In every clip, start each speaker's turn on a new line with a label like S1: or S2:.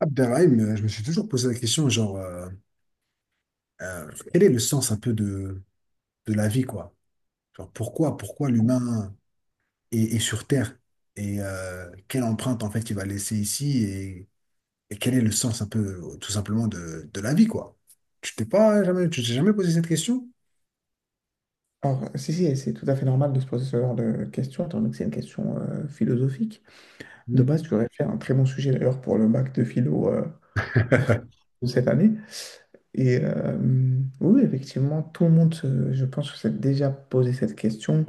S1: Abderrahim, je me suis toujours posé la question, genre, quel est le sens un peu de la vie, quoi? Genre, pourquoi l'humain est sur Terre? Et quelle empreinte, en fait, il va laisser ici? Et quel est le sens un peu, tout simplement, de la vie, quoi? Tu t'es jamais posé cette question?
S2: Alors, si, si, c'est tout à fait normal de se poser ce genre de questions, étant donné que c'est une question philosophique. De
S1: Mm.
S2: base, tu aurais fait un très bon sujet d'ailleurs pour le bac de philo de cette année. Oui, effectivement, tout le monde, je pense, que s'est déjà posé cette question.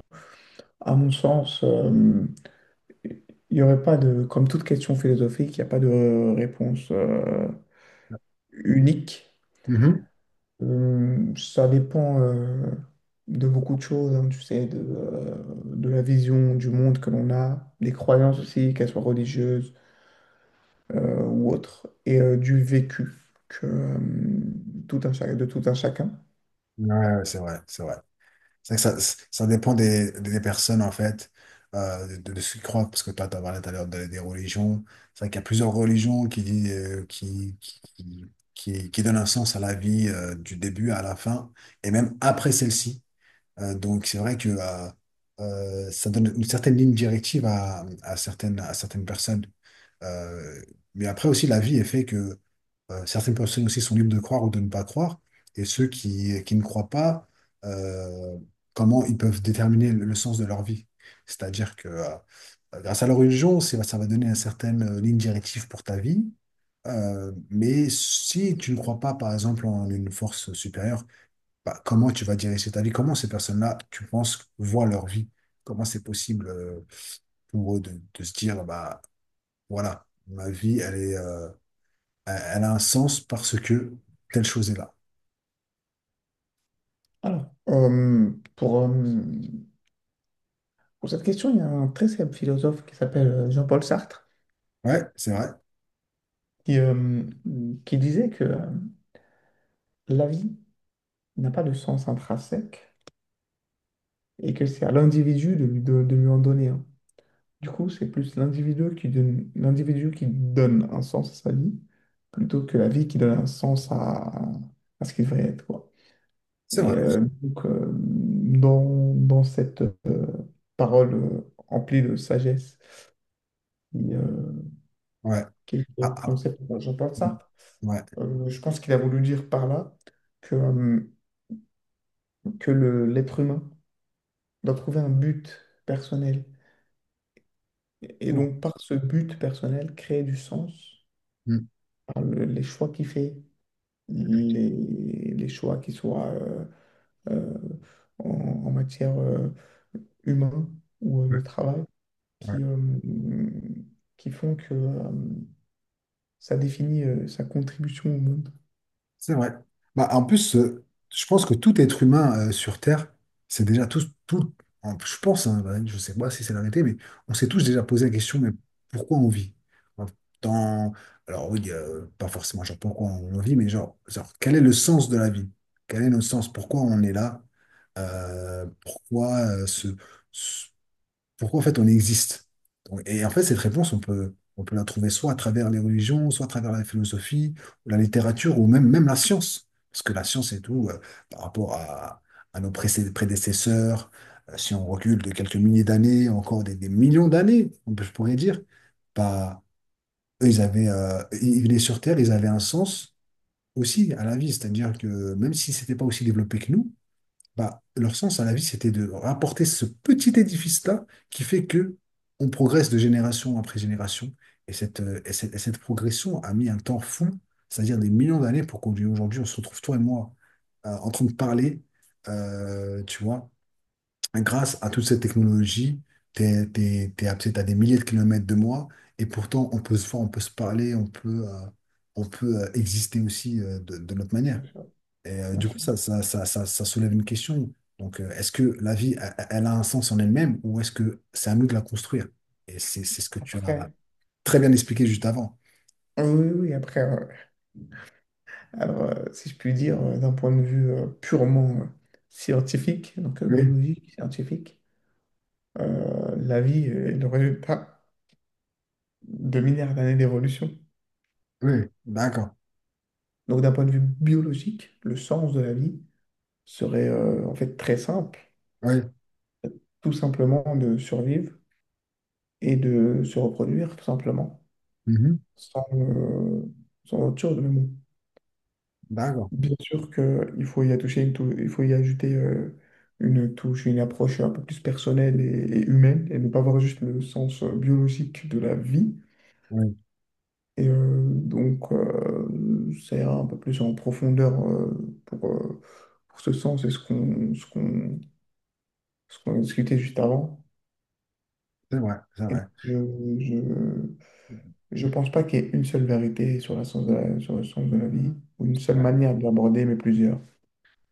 S2: À mon sens, il n'y aurait pas de, comme toute question philosophique, il n'y a pas de réponse unique.
S1: Mhm.
S2: Ça dépend de beaucoup de choses, hein, tu sais, de la vision du monde que l'on a, des croyances aussi, qu'elles soient religieuses ou autres, et du vécu que, euh, tout un, de tout un chacun.
S1: Ouais, ouais, c'est vrai, c'est vrai. C'est que ça dépend des personnes, en fait, de ce qu'ils croient, parce que toi, tu as parlé tout à l'heure des religions. C'est vrai qu'il y a plusieurs religions qui donnent un sens à la vie, du début à la fin, et même après celle-ci. Donc c'est vrai que ça donne une certaine ligne directive à certaines personnes. Euh, mais après aussi, la vie est fait que certaines personnes aussi sont libres de croire ou de ne pas croire. Et ceux qui ne croient pas, euh, comment ils peuvent déterminer le sens de leur vie. C'est-à-dire que grâce à leur religion, ça va donner une certaine ligne directive pour ta vie. Mais si tu ne crois pas, par exemple, en une force supérieure, bah, comment tu vas diriger ta vie? Comment ces personnes-là, tu penses, voient leur vie? Comment c'est possible pour eux de se dire, bah, voilà, ma vie, elle a un sens parce que telle chose est là.
S2: Alors, pour, euh, pour cette question, il y a un très célèbre philosophe qui s'appelle Jean-Paul Sartre,
S1: Ouais, c'est vrai,
S2: qui, euh, qui disait que la vie n'a pas de sens intrinsèque et que c'est à l'individu de, de lui en donner un. Du coup, c'est plus l'individu qui donne un sens à sa vie, plutôt que la vie qui donne un sens à ce qu'il devrait être, quoi.
S1: c'est vrai.
S2: Dans, dans cette parole emplie de sagesse qui,
S1: Ouais.
S2: qui est
S1: Ah, ah,
S2: prononcée par Jean-Paul Sartre,
S1: ouais.
S2: je pense qu'il a voulu dire par là que, euh, que le, l'être humain doit trouver un but personnel. Et
S1: C'est bon.
S2: donc, par ce but personnel, créer du sens
S1: Mm.
S2: par les choix qu'il fait les, les choix qui soient euh, en, en matière humain ou
S1: Ouais.
S2: de travail
S1: Ouais.
S2: qui, euh, qui font que ça définit sa contribution au monde.
S1: C'est vrai. Bah, en plus, je pense que tout être humain sur Terre, c'est déjà tous, tout, je pense, hein, bah, je sais pas si c'est l'arrêté, mais on s'est tous déjà posé la question, mais pourquoi on vit? Dans- alors oui, pas forcément genre pourquoi on vit, mais genre, quel est le sens de la vie? Quel est le sens? Pourquoi on est là? Pourquoi ce, pourquoi en fait on existe? Donc, et en fait, cette réponse, on peut la trouver soit à travers les religions, soit à travers la philosophie, ou la littérature, ou même, même la science. Parce que la science et tout, par rapport à nos prédécesseurs, si on recule de quelques milliers d'années, encore des millions d'années, je pourrais dire, bah, eux, ils venaient sur Terre, ils avaient un sens aussi à la vie. C'est-à-dire que même si c'était pas aussi développé que nous, bah, leur sens à la vie, c'était de rapporter ce petit édifice-là qui fait que on progresse de génération après génération. Et cette progression a mis un temps fou, c'est-à-dire des millions d'années pour qu'aujourd'hui, on se retrouve, toi et moi, en train de parler, tu vois, grâce à toute cette technologie. T'es à, peut-être à des milliers de kilomètres de moi, et pourtant, on peut se voir, on peut se parler, on peut exister aussi de notre manière.
S2: Bien sûr,
S1: Et
S2: bien
S1: du coup,
S2: sûr.
S1: ça soulève une question. Donc, est-ce que la vie, elle, elle a un sens en elle-même ou est-ce que c'est à nous de la construire? Et c'est ce que tu as
S2: Après,
S1: très bien expliqué juste avant.
S2: oui, oui, oui, après, alors, si je puis dire, d'un point de vue purement scientifique, donc
S1: Oui,
S2: biologique, scientifique, la vie est le résultat de milliards d'années d'évolution.
S1: oui, d'accord.
S2: Donc, d'un point de vue biologique, le sens de la vie, serait en fait très simple,
S1: Oui,
S2: tout simplement de survivre et de se reproduire, tout simplement,
S1: mhm,
S2: sans, euh, sans autre chose. Mais bon,
S1: d'accord.
S2: bien sûr qu'il faut y attacher une il faut y ajouter une touche, une approche un peu plus personnelle et humaine, et ne pas voir juste le sens biologique de la vie.
S1: Oui,
S2: Ça ira un peu plus en profondeur pour ce sens et ce qu'on discutait juste avant.
S1: c'est vrai, c'est
S2: Et donc,
S1: vrai,
S2: je, je pense pas qu'il y ait une seule vérité sur la sens de la, sur le sens de la vie, Mhm. ou une
S1: c'est
S2: seule
S1: vrai,
S2: manière de l'aborder, mais plusieurs.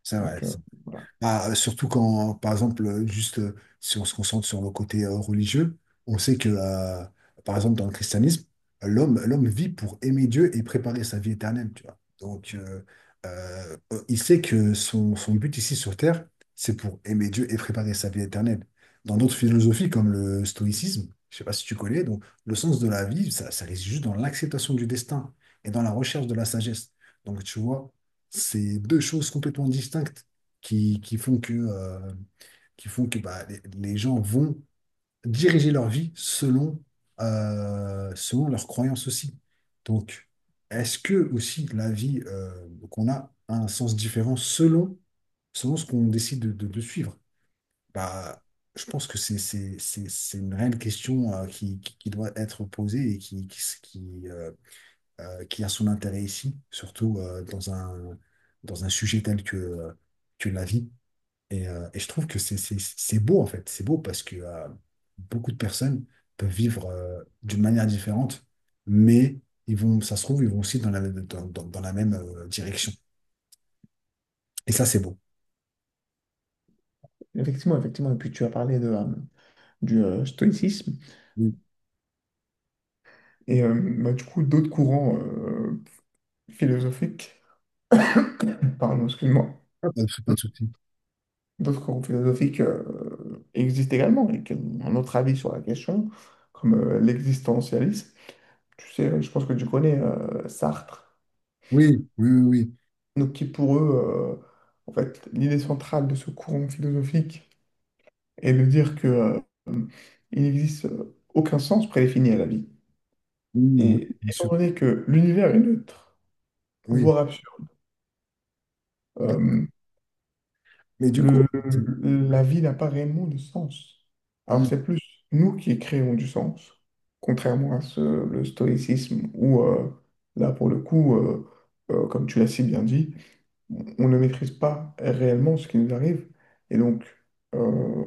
S1: c'est vrai.
S2: Donc, voilà.
S1: Ah, surtout quand, par exemple, juste si on se concentre sur le côté religieux, on sait que, par exemple, dans le christianisme, l'homme vit pour aimer Dieu et préparer sa vie éternelle, tu vois. Donc, euh, il sait que son but ici sur Terre, c'est pour aimer Dieu et préparer sa vie éternelle. Dans d'autres philosophies, comme le stoïcisme, je sais pas si tu connais, donc le sens de la vie, ça réside juste dans l'acceptation du destin et dans la recherche de la sagesse. Donc, tu vois, c'est deux choses complètement distinctes qui, qui font que, euh, qui font que bah, les gens vont diriger leur vie selon leurs croyances aussi. Donc, est-ce que aussi la vie qu'on a a un sens différent selon ce qu'on décide de suivre? Bah, je pense que c'est une réelle question qui doit être posée et qui a son intérêt ici, surtout dans un sujet tel que la vie. Et je trouve que c'est beau, en fait. C'est beau parce que beaucoup de personnes peuvent vivre d'une manière différente, mais ils vont, ça se trouve, ils vont aussi dans la même direction. Et ça, c'est beau.
S2: Effectivement, effectivement. Et puis, tu as parlé du stoïcisme.
S1: Oui.
S2: Et euh, Bah, du coup, d'autres courants philosophiques, pardon, excuse-moi,
S1: Ah, pas de souci.
S2: d'autres courants philosophiques existent également et qui ont un autre avis sur la question, comme l'existentialisme. Tu sais, je pense que tu connais Sartre.
S1: Oui, oui, oui, oui.
S2: Donc, qui pour eux, en fait, l'idée centrale de ce courant philosophique est de dire que il n'existe aucun sens prédéfini à la vie.
S1: Mm, oui,
S2: Et
S1: bien
S2: étant
S1: sûr.
S2: donné que l'univers est neutre,
S1: Oui.
S2: voire absurde, euh,
S1: Mais du coup,
S2: le-
S1: c'est-
S2: la vie n'a pas réellement de sens. Alors
S1: mm,
S2: c'est plus nous qui créons du sens, contrairement à ce, le stoïcisme où là pour le coup, comme tu l'as si bien dit, on ne maîtrise pas réellement ce qui nous arrive et donc euh,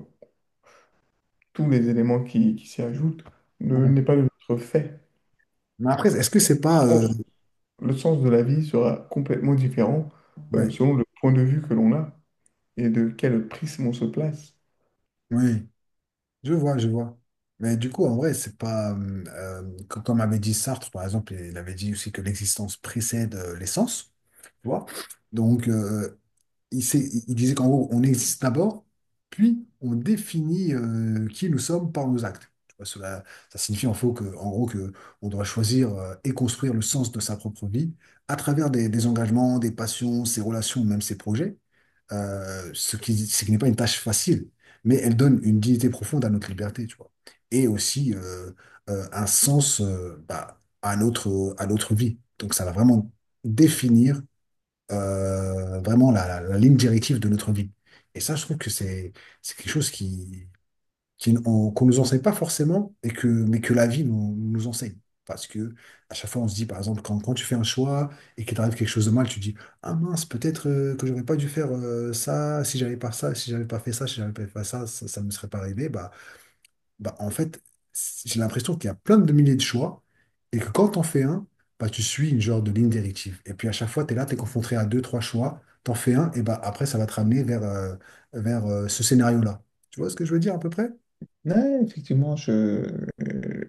S2: tous les éléments qui s'y ajoutent ne
S1: ouais.
S2: n'est pas de notre fait.
S1: Mais après, est-ce que c'est
S2: Le
S1: pas.
S2: sens le sens de la vie sera complètement différent
S1: Ouais,
S2: selon le point de vue que l'on a et de quel prisme on se place.
S1: ouais. Je vois, je vois. Mais du coup, en vrai, c'est pas. Comme avait dit Sartre, par exemple, il avait dit aussi que l'existence précède l'essence. Tu vois? Donc, il disait qu'en gros, on existe d'abord, puis on définit qui nous sommes par nos actes. Tu vois, cela, ça signifie en gros que on doit choisir et construire le sens de sa propre vie à travers des engagements, des passions, ses relations, même ses projets. Ce qui n'est pas une tâche facile, mais elle donne une dignité profonde à notre liberté, tu vois, et aussi un sens bah, à notre vie. Donc ça va vraiment définir vraiment la ligne directive de notre vie. Et ça, je trouve que c'est quelque chose qu'on nous enseigne pas forcément, mais que la vie nous, nous enseigne. Parce que à chaque fois, on se dit, par exemple, quand tu fais un choix et qu'il t'arrive quelque chose de mal, tu te dis, ah mince, peut-être que j'aurais pas dû faire ça, si j'avais pas ça, si j'avais pas fait ça, si j'avais pas fait ça, ça, ça me serait pas arrivé. Bah, en fait, j'ai l'impression qu'il y a plein de milliers de choix et que quand t'en fais un, bah, tu suis une genre de ligne directive. Et puis à chaque fois, tu es là, tu es confronté à deux, trois choix, t'en fais un, et bah, après, ça va te ramener vers ce scénario-là. Tu vois ce que je veux dire à peu près?
S2: Ouais, effectivement,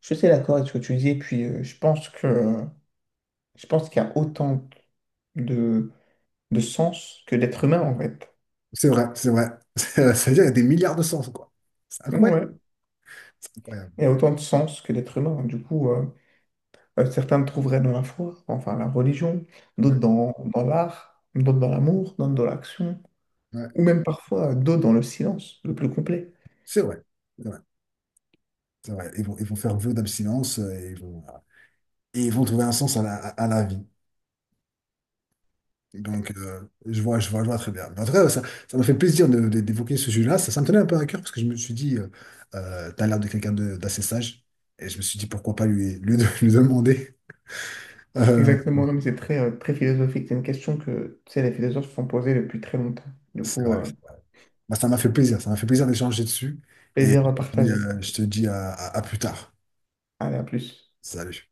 S2: je suis assez d'accord avec ce que tu dis, et puis je pense que je pense qu'il y a autant de, de sens que d'êtres humains en fait.
S1: C'est vrai, c'est vrai. C'est-à-dire, il y a des milliards de sens, quoi. C'est incroyable.
S2: Ouais.
S1: C'est incroyable.
S2: Il y a autant de sens que d'êtres humains. Du coup, certains le trouveraient dans la foi, enfin la religion, d'autres
S1: Ouais,
S2: dans, dans l'art, d'autres dans l'amour, d'autres dans l'action,
S1: ouais.
S2: ou même parfois d'autres dans le silence, le plus complet.
S1: C'est vrai. C'est vrai. C'est vrai. Ils vont faire vœu d'abstinence. Et ils vont, voilà. Et ils vont trouver un sens à la vie. Donc, je vois, je vois, je vois très bien. En tout cas, ça m'a fait plaisir d'évoquer ce sujet-là. Ça me tenait un peu à cœur parce que je me suis dit, t'as l'air de quelqu'un d'assez sage. Et je me suis dit, pourquoi pas lui, lui demander. Euh,
S2: Exactement, non, mais c'est très, très philosophique. C'est une question que tu sais, les philosophes se sont posées depuis très longtemps. Du
S1: c'est
S2: coup,
S1: vrai. Bah, ça m'a fait plaisir. Ça m'a fait plaisir d'échanger dessus. Et
S2: plaisir à
S1: je te dis,
S2: partager.
S1: euh, je te dis à plus tard.
S2: Allez, à plus.
S1: Salut.